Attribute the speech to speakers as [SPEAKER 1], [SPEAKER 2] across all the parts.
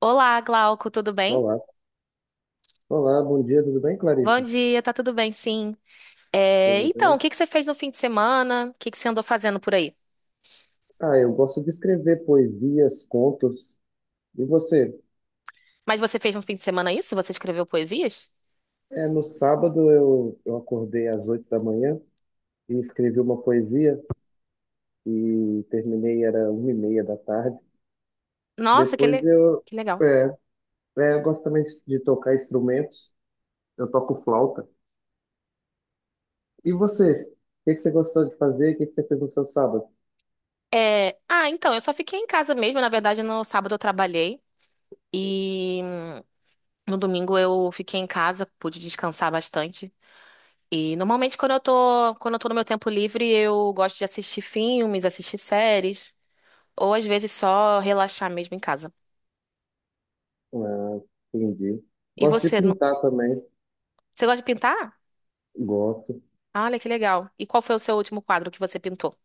[SPEAKER 1] Olá, Glauco, tudo bem?
[SPEAKER 2] Olá, olá, bom dia, tudo bem,
[SPEAKER 1] Bom
[SPEAKER 2] Clarissa?
[SPEAKER 1] dia, tá tudo bem, sim. É,
[SPEAKER 2] Tudo
[SPEAKER 1] então,
[SPEAKER 2] bem?
[SPEAKER 1] o que que você fez no fim de semana? O que que você andou fazendo por aí?
[SPEAKER 2] Ah, eu gosto de escrever poesias, contos. E você?
[SPEAKER 1] Mas você fez no fim de semana isso? Você escreveu poesias?
[SPEAKER 2] É, no sábado eu acordei às 8 da manhã e escrevi uma poesia e terminei, era 1:30 da tarde.
[SPEAKER 1] Nossa,
[SPEAKER 2] Depois eu,
[SPEAKER 1] que legal.
[SPEAKER 2] é, é, eu gosto também de tocar instrumentos, eu toco flauta. E você? O que que você gostou de fazer? O que que você fez no seu sábado?
[SPEAKER 1] É, então, eu só fiquei em casa mesmo. Na verdade, no sábado eu trabalhei e no domingo eu fiquei em casa, pude descansar bastante. E normalmente quando eu tô no meu tempo livre, eu gosto de assistir filmes, assistir séries, ou às vezes só relaxar mesmo em casa.
[SPEAKER 2] Ah, entendi.
[SPEAKER 1] E
[SPEAKER 2] Gosto de
[SPEAKER 1] você?
[SPEAKER 2] pintar também,
[SPEAKER 1] Você gosta de pintar?
[SPEAKER 2] gosto.
[SPEAKER 1] Olha que legal. E qual foi o seu último quadro que você pintou?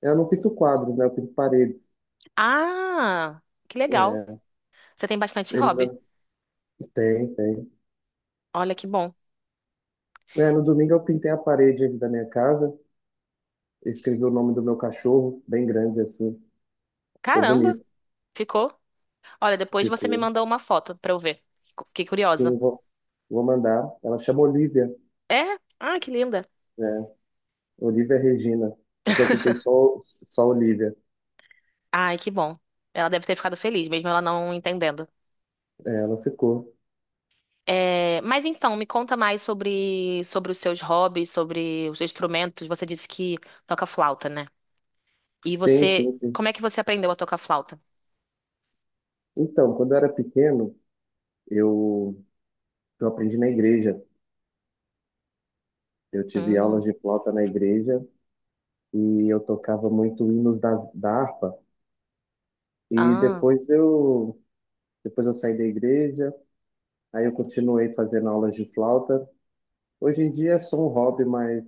[SPEAKER 2] Eu não pinto quadros, né? Eu pinto paredes.
[SPEAKER 1] Ah, que legal.
[SPEAKER 2] É,
[SPEAKER 1] Você tem bastante hobby.
[SPEAKER 2] ainda tem, tem.
[SPEAKER 1] Olha que bom.
[SPEAKER 2] É, no domingo eu pintei a parede aqui da minha casa, escrevi o nome do meu cachorro, bem grande assim, ficou
[SPEAKER 1] Caramba,
[SPEAKER 2] bonito,
[SPEAKER 1] ficou. Olha, depois você me
[SPEAKER 2] ficou.
[SPEAKER 1] mandou uma foto pra eu ver. Fiquei curiosa.
[SPEAKER 2] Sim, vou mandar. Ela chama Olivia,
[SPEAKER 1] É? Ah, que linda.
[SPEAKER 2] né? Olivia Regina, mas eu pintei só Olivia.
[SPEAKER 1] Ai, que bom. Ela deve ter ficado feliz, mesmo ela não entendendo.
[SPEAKER 2] É, ela ficou.
[SPEAKER 1] É, mas então, me conta mais sobre, sobre os seus hobbies, sobre os instrumentos. Você disse que toca flauta, né? E
[SPEAKER 2] Sim,
[SPEAKER 1] você,
[SPEAKER 2] sim, sim.
[SPEAKER 1] como é que você aprendeu a tocar flauta?
[SPEAKER 2] Então, quando eu era pequeno, eu, eu aprendi na igreja. Eu tive aulas
[SPEAKER 1] Hum,
[SPEAKER 2] de flauta na igreja e eu tocava muito hinos da harpa. E
[SPEAKER 1] ah.
[SPEAKER 2] depois eu, depois eu saí da igreja. Aí eu continuei fazendo aulas de flauta. Hoje em dia é só um hobby, mas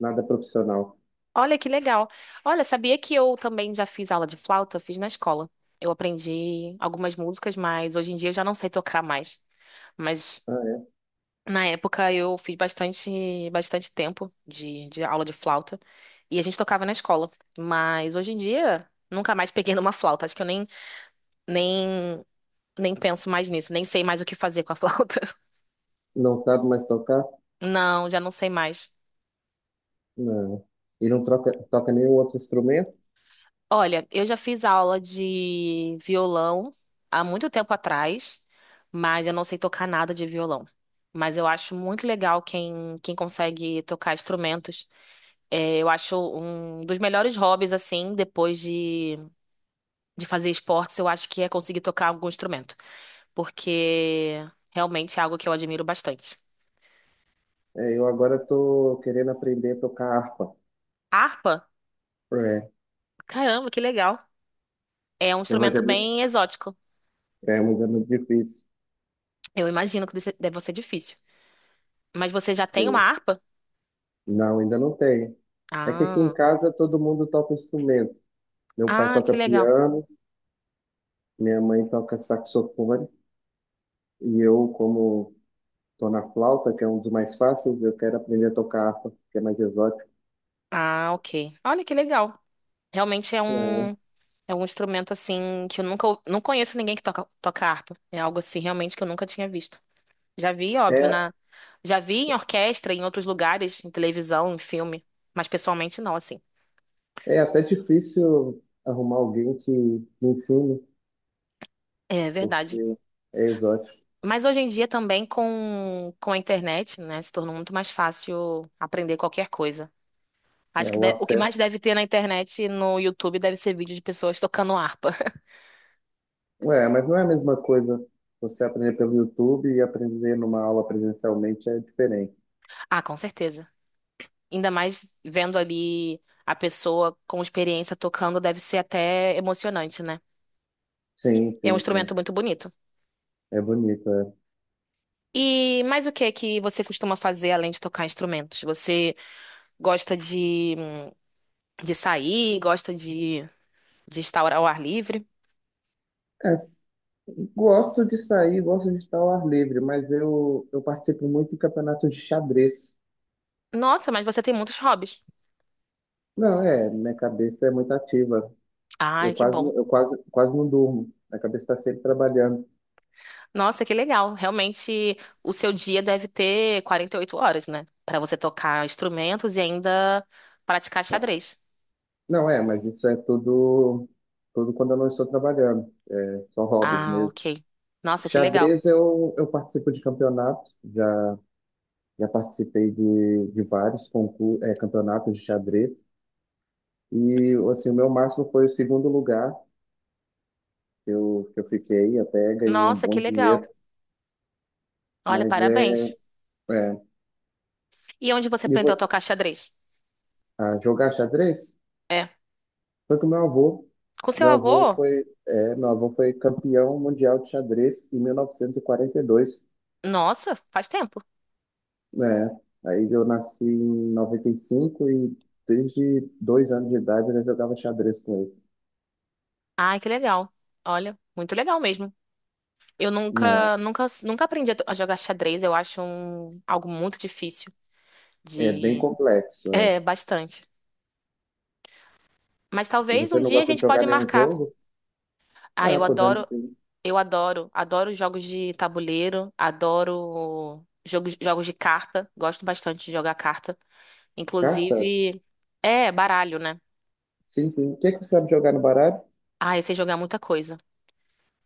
[SPEAKER 2] nada profissional.
[SPEAKER 1] Olha que legal. Olha, sabia que eu também já fiz aula de flauta? Fiz na escola. Eu aprendi algumas músicas, mas hoje em dia eu já não sei tocar mais. Mas
[SPEAKER 2] Ah, é?
[SPEAKER 1] na época eu fiz bastante, bastante tempo de aula de flauta e a gente tocava na escola. Mas hoje em dia nunca mais peguei numa flauta. Acho que eu nem, nem penso mais nisso, nem sei mais o que fazer com a flauta.
[SPEAKER 2] Não sabe mais tocar?
[SPEAKER 1] Não, já não sei mais.
[SPEAKER 2] Não. E não toca nenhum outro instrumento?
[SPEAKER 1] Olha, eu já fiz aula de violão há muito tempo atrás, mas eu não sei tocar nada de violão. Mas eu acho muito legal quem consegue tocar instrumentos. É, eu acho um dos melhores hobbies, assim, depois de fazer esportes, eu acho que é conseguir tocar algum instrumento. Porque realmente é algo que eu admiro bastante.
[SPEAKER 2] É, eu agora estou querendo aprender a tocar harpa.
[SPEAKER 1] Harpa?
[SPEAKER 2] É,
[SPEAKER 1] Caramba, que legal. É um
[SPEAKER 2] mas
[SPEAKER 1] instrumento
[SPEAKER 2] é muito,
[SPEAKER 1] bem exótico.
[SPEAKER 2] mas é muito difícil.
[SPEAKER 1] Eu imagino que deve ser difícil. Mas você já tem uma
[SPEAKER 2] Sim.
[SPEAKER 1] harpa?
[SPEAKER 2] Não, ainda não tem. É que aqui em
[SPEAKER 1] Ah.
[SPEAKER 2] casa todo mundo toca instrumento. Meu pai
[SPEAKER 1] Ah,
[SPEAKER 2] toca
[SPEAKER 1] que legal.
[SPEAKER 2] piano, minha mãe toca saxofone, e eu, como estou na flauta, que é um dos mais fáceis, eu quero aprender a tocar harpa, que é mais exótico.
[SPEAKER 1] Ah, ok. Olha que legal. Realmente é um instrumento assim que eu nunca não conheço ninguém que toca harpa. É algo assim realmente que eu nunca tinha visto. Já vi, óbvio,
[SPEAKER 2] É,
[SPEAKER 1] na já vi em orquestra, em outros lugares, em televisão, em filme, mas pessoalmente não, assim.
[SPEAKER 2] é até difícil arrumar alguém que me ensine,
[SPEAKER 1] É verdade.
[SPEAKER 2] porque é exótico,
[SPEAKER 1] Mas hoje em dia também com a internet, né, se tornou muito mais fácil aprender qualquer coisa. Acho
[SPEAKER 2] é
[SPEAKER 1] que
[SPEAKER 2] o
[SPEAKER 1] o que mais
[SPEAKER 2] acesso.
[SPEAKER 1] deve ter na internet, e no YouTube, deve ser vídeo de pessoas tocando harpa.
[SPEAKER 2] É, mas não é a mesma coisa você aprender pelo YouTube e aprender numa aula presencialmente é diferente.
[SPEAKER 1] Ah, com certeza. Ainda mais vendo ali a pessoa com experiência tocando, deve ser até emocionante, né?
[SPEAKER 2] Sim,
[SPEAKER 1] É um
[SPEAKER 2] sim, sim.
[SPEAKER 1] instrumento muito bonito.
[SPEAKER 2] É bonito, é.
[SPEAKER 1] E mais o que é que você costuma fazer além de tocar instrumentos? Você gosta de sair, gosta de estar ao ar livre?
[SPEAKER 2] É, gosto de sair, gosto de estar ao ar livre, mas eu participo muito de campeonatos de xadrez.
[SPEAKER 1] Nossa, mas você tem muitos hobbies.
[SPEAKER 2] Não, é, minha cabeça é muito ativa. Eu
[SPEAKER 1] Ai, que
[SPEAKER 2] quase,
[SPEAKER 1] bom.
[SPEAKER 2] eu quase, quase não durmo. Minha cabeça está sempre trabalhando.
[SPEAKER 1] Nossa, que legal. Realmente, o seu dia deve ter 48 horas, né? Pra você tocar instrumentos e ainda praticar xadrez.
[SPEAKER 2] Não, é, mas isso é tudo quando eu não estou trabalhando. É, são hobbies
[SPEAKER 1] Ah,
[SPEAKER 2] mesmo.
[SPEAKER 1] ok. Nossa, que legal.
[SPEAKER 2] Xadrez eu participo de campeonatos, já participei de vários concursos, campeonatos de xadrez. E assim, o meu máximo foi o segundo lugar que eu fiquei, até ganhei um
[SPEAKER 1] Nossa, que
[SPEAKER 2] bom dinheiro.
[SPEAKER 1] legal. Olha,
[SPEAKER 2] Mas é,
[SPEAKER 1] parabéns.
[SPEAKER 2] é,
[SPEAKER 1] E onde você
[SPEAKER 2] e
[SPEAKER 1] aprendeu a
[SPEAKER 2] você,
[SPEAKER 1] tocar xadrez?
[SPEAKER 2] ah, jogar xadrez?
[SPEAKER 1] É.
[SPEAKER 2] Foi com meu avô.
[SPEAKER 1] Com seu
[SPEAKER 2] Meu
[SPEAKER 1] avô?
[SPEAKER 2] avô foi, é, meu avô foi campeão mundial de xadrez em 1942.
[SPEAKER 1] Nossa, faz tempo.
[SPEAKER 2] É, aí eu nasci em 95 e cinco e desde 2 anos de idade eu já jogava xadrez com
[SPEAKER 1] Ai, que legal. Olha, muito legal mesmo. Eu
[SPEAKER 2] ele.
[SPEAKER 1] nunca, nunca, nunca aprendi a jogar xadrez. Eu acho algo muito difícil
[SPEAKER 2] É, é bem
[SPEAKER 1] de...
[SPEAKER 2] complexo, é.
[SPEAKER 1] É, bastante. Mas talvez
[SPEAKER 2] Você
[SPEAKER 1] um
[SPEAKER 2] não
[SPEAKER 1] dia a
[SPEAKER 2] gosta de
[SPEAKER 1] gente
[SPEAKER 2] jogar
[SPEAKER 1] pode
[SPEAKER 2] nenhum
[SPEAKER 1] marcar.
[SPEAKER 2] jogo?
[SPEAKER 1] Ah,
[SPEAKER 2] Ah,
[SPEAKER 1] eu adoro,
[SPEAKER 2] podemos sim.
[SPEAKER 1] eu adoro, adoro jogos de tabuleiro, adoro jogos de carta. Gosto bastante de jogar carta.
[SPEAKER 2] Carta?
[SPEAKER 1] Inclusive, é baralho, né?
[SPEAKER 2] Sim, sim. O que que você sabe jogar no baralho?
[SPEAKER 1] Ah, eu sei jogar muita coisa.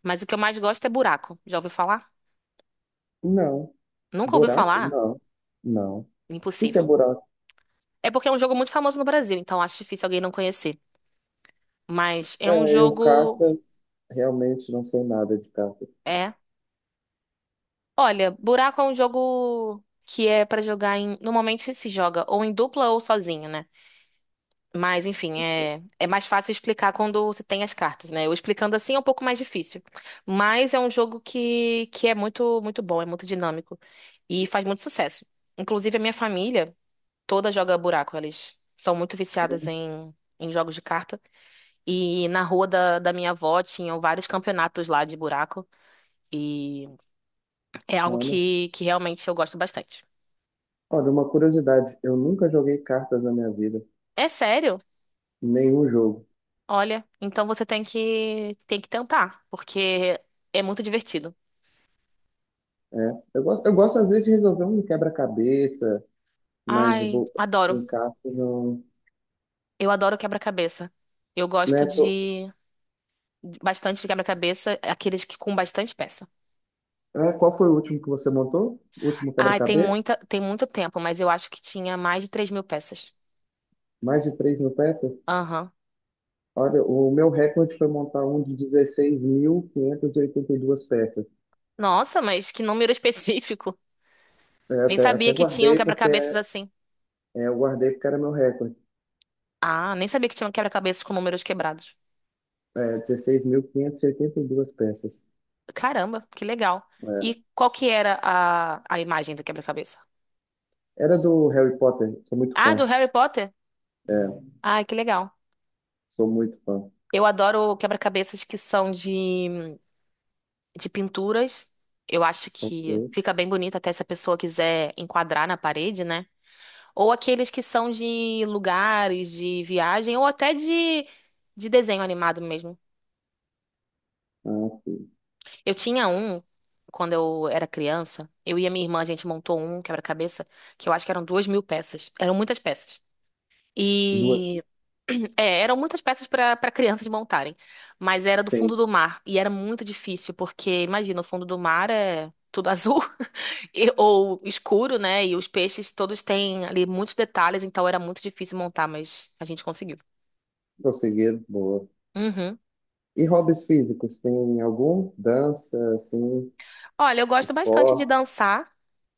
[SPEAKER 1] Mas o que eu mais gosto é buraco. Já ouviu falar?
[SPEAKER 2] Não.
[SPEAKER 1] Nunca ouviu
[SPEAKER 2] Buraco?
[SPEAKER 1] falar?
[SPEAKER 2] Não. Não. O que que é
[SPEAKER 1] Impossível.
[SPEAKER 2] buraco?
[SPEAKER 1] É porque é um jogo muito famoso no Brasil, então acho difícil alguém não conhecer. Mas é um
[SPEAKER 2] É, eu
[SPEAKER 1] jogo.
[SPEAKER 2] cartas, realmente não sei nada de cartas.
[SPEAKER 1] É. Olha, buraco é um jogo que é pra jogar em. Normalmente se joga ou em dupla ou sozinho, né? Mas enfim, é, é mais fácil explicar quando você tem as cartas, né? Eu explicando assim é um pouco mais difícil. Mas é um jogo que é muito, muito bom, é muito dinâmico e faz muito sucesso. Inclusive, a minha família. Toda joga buraco. Elas são muito viciadas em jogos de carta. E na rua da minha avó tinham vários campeonatos lá de buraco. E é algo
[SPEAKER 2] Olha,
[SPEAKER 1] que realmente eu gosto bastante.
[SPEAKER 2] olha, uma curiosidade, eu nunca joguei cartas na minha vida,
[SPEAKER 1] É sério?
[SPEAKER 2] nenhum jogo.
[SPEAKER 1] Olha, então você tem que tentar, porque é muito divertido.
[SPEAKER 2] É, eu gosto às vezes de resolver um quebra-cabeça, mas
[SPEAKER 1] Ai,
[SPEAKER 2] vou,
[SPEAKER 1] adoro.
[SPEAKER 2] encaixe não.
[SPEAKER 1] Eu adoro quebra-cabeça. Eu gosto
[SPEAKER 2] Né, tô-
[SPEAKER 1] de bastante de quebra-cabeça, aqueles que com bastante peça.
[SPEAKER 2] qual foi o último que você montou? O último
[SPEAKER 1] Ai,
[SPEAKER 2] quebra-cabeça?
[SPEAKER 1] tem muito tempo, mas eu acho que tinha mais de 3.000 peças.
[SPEAKER 2] Mais de 3.000 peças?
[SPEAKER 1] Aham.
[SPEAKER 2] Olha, o meu recorde foi montar um de 16.582 peças.
[SPEAKER 1] Nossa, mas que número específico.
[SPEAKER 2] É,
[SPEAKER 1] Nem
[SPEAKER 2] até
[SPEAKER 1] sabia que tinham
[SPEAKER 2] guardei porque é,
[SPEAKER 1] quebra-cabeças assim.
[SPEAKER 2] é, eu guardei porque era meu recorde.
[SPEAKER 1] Ah, nem sabia que tinham quebra-cabeças com números quebrados.
[SPEAKER 2] É, 16.582 peças.
[SPEAKER 1] Caramba, que legal. E
[SPEAKER 2] É.
[SPEAKER 1] qual que era a imagem do quebra-cabeça?
[SPEAKER 2] Era do Harry Potter, sou muito
[SPEAKER 1] Ah,
[SPEAKER 2] fã.
[SPEAKER 1] do Harry Potter?
[SPEAKER 2] É,
[SPEAKER 1] Ah, que legal.
[SPEAKER 2] sou muito fã.
[SPEAKER 1] Eu adoro quebra-cabeças que são de pinturas. Eu acho que
[SPEAKER 2] Ok.
[SPEAKER 1] fica bem bonito até se a pessoa quiser enquadrar na parede, né? Ou aqueles que são de lugares, de viagem, ou até de desenho animado mesmo.
[SPEAKER 2] Ah, sim.
[SPEAKER 1] Eu tinha um quando eu era criança. Eu e a minha irmã, a gente montou um quebra-cabeça, que eu acho que eram 2.000 peças. Eram muitas peças.
[SPEAKER 2] Duas.
[SPEAKER 1] E. É, eram muitas peças para crianças montarem. Mas era do
[SPEAKER 2] Sim.
[SPEAKER 1] fundo do mar. E era muito difícil, porque, imagina, o fundo do mar é tudo azul ou escuro, né? E os peixes todos têm ali muitos detalhes, então era muito difícil montar, mas a gente conseguiu.
[SPEAKER 2] Conseguiram, boa.
[SPEAKER 1] Uhum.
[SPEAKER 2] E hobbies físicos, tem algum? Dança, assim,
[SPEAKER 1] Olha, eu gosto bastante de
[SPEAKER 2] esporte?
[SPEAKER 1] dançar.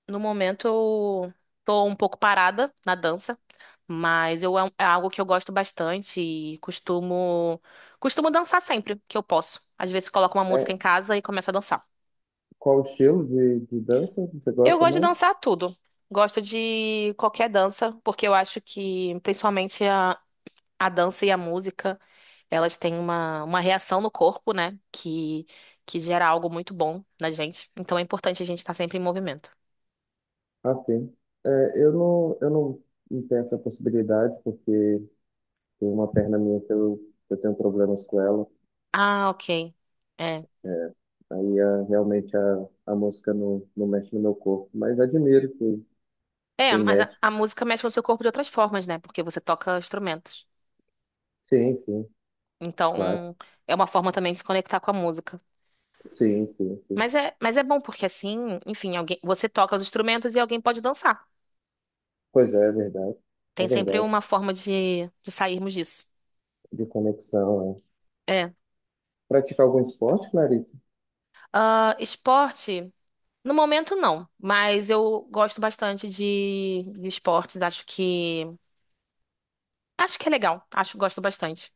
[SPEAKER 1] No momento eu tô um pouco parada na dança, mas eu, é algo que eu gosto bastante e costumo dançar sempre que eu posso. Às vezes coloco uma
[SPEAKER 2] É,
[SPEAKER 1] música em casa e começo a dançar.
[SPEAKER 2] qual o estilo de dança você
[SPEAKER 1] Eu
[SPEAKER 2] gosta
[SPEAKER 1] gosto de
[SPEAKER 2] mais?
[SPEAKER 1] dançar tudo. Gosto de qualquer dança, porque eu acho que principalmente a dança e a música, elas têm uma reação no corpo, né? Que gera algo muito bom na gente. Então é importante a gente estar sempre em movimento.
[SPEAKER 2] Ah, sim. É, eu não tenho essa possibilidade, porque tem uma perna minha que eu tenho problemas com ela.
[SPEAKER 1] Ah, ok. É.
[SPEAKER 2] É, aí realmente a música não mexe no meu corpo, mas admiro
[SPEAKER 1] É,
[SPEAKER 2] quem
[SPEAKER 1] mas a,
[SPEAKER 2] mexe.
[SPEAKER 1] a música mexe com o seu corpo de outras formas, né? Porque você toca instrumentos.
[SPEAKER 2] Sim, sim, claro.
[SPEAKER 1] Então, é uma forma também de se conectar com a música.
[SPEAKER 2] Sim, sim, sim.
[SPEAKER 1] Mas é bom porque assim, enfim, alguém, você toca os instrumentos e alguém pode dançar.
[SPEAKER 2] Pois é, é verdade. É
[SPEAKER 1] Tem sempre
[SPEAKER 2] verdade.
[SPEAKER 1] uma forma de sairmos disso.
[SPEAKER 2] De conexão, é.
[SPEAKER 1] É.
[SPEAKER 2] Praticar algum esporte, Clarissa?
[SPEAKER 1] Ah, esporte, no momento não, mas eu gosto bastante de esportes, acho que é legal, acho que gosto bastante.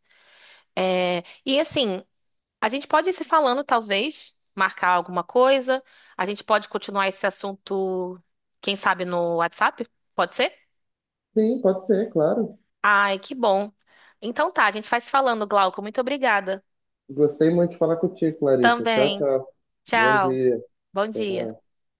[SPEAKER 1] É, e assim, a gente pode ir se falando, talvez, marcar alguma coisa. A gente pode continuar esse assunto, quem sabe, no WhatsApp? Pode ser?
[SPEAKER 2] Sim, pode ser, claro.
[SPEAKER 1] Ai, que bom. Então tá, a gente vai se falando, Glauco. Muito obrigada.
[SPEAKER 2] Gostei muito de falar contigo, Clarissa. Tchau,
[SPEAKER 1] Também.
[SPEAKER 2] tchau. Bom
[SPEAKER 1] Tchau.
[SPEAKER 2] dia.
[SPEAKER 1] Bom dia.
[SPEAKER 2] Tchau.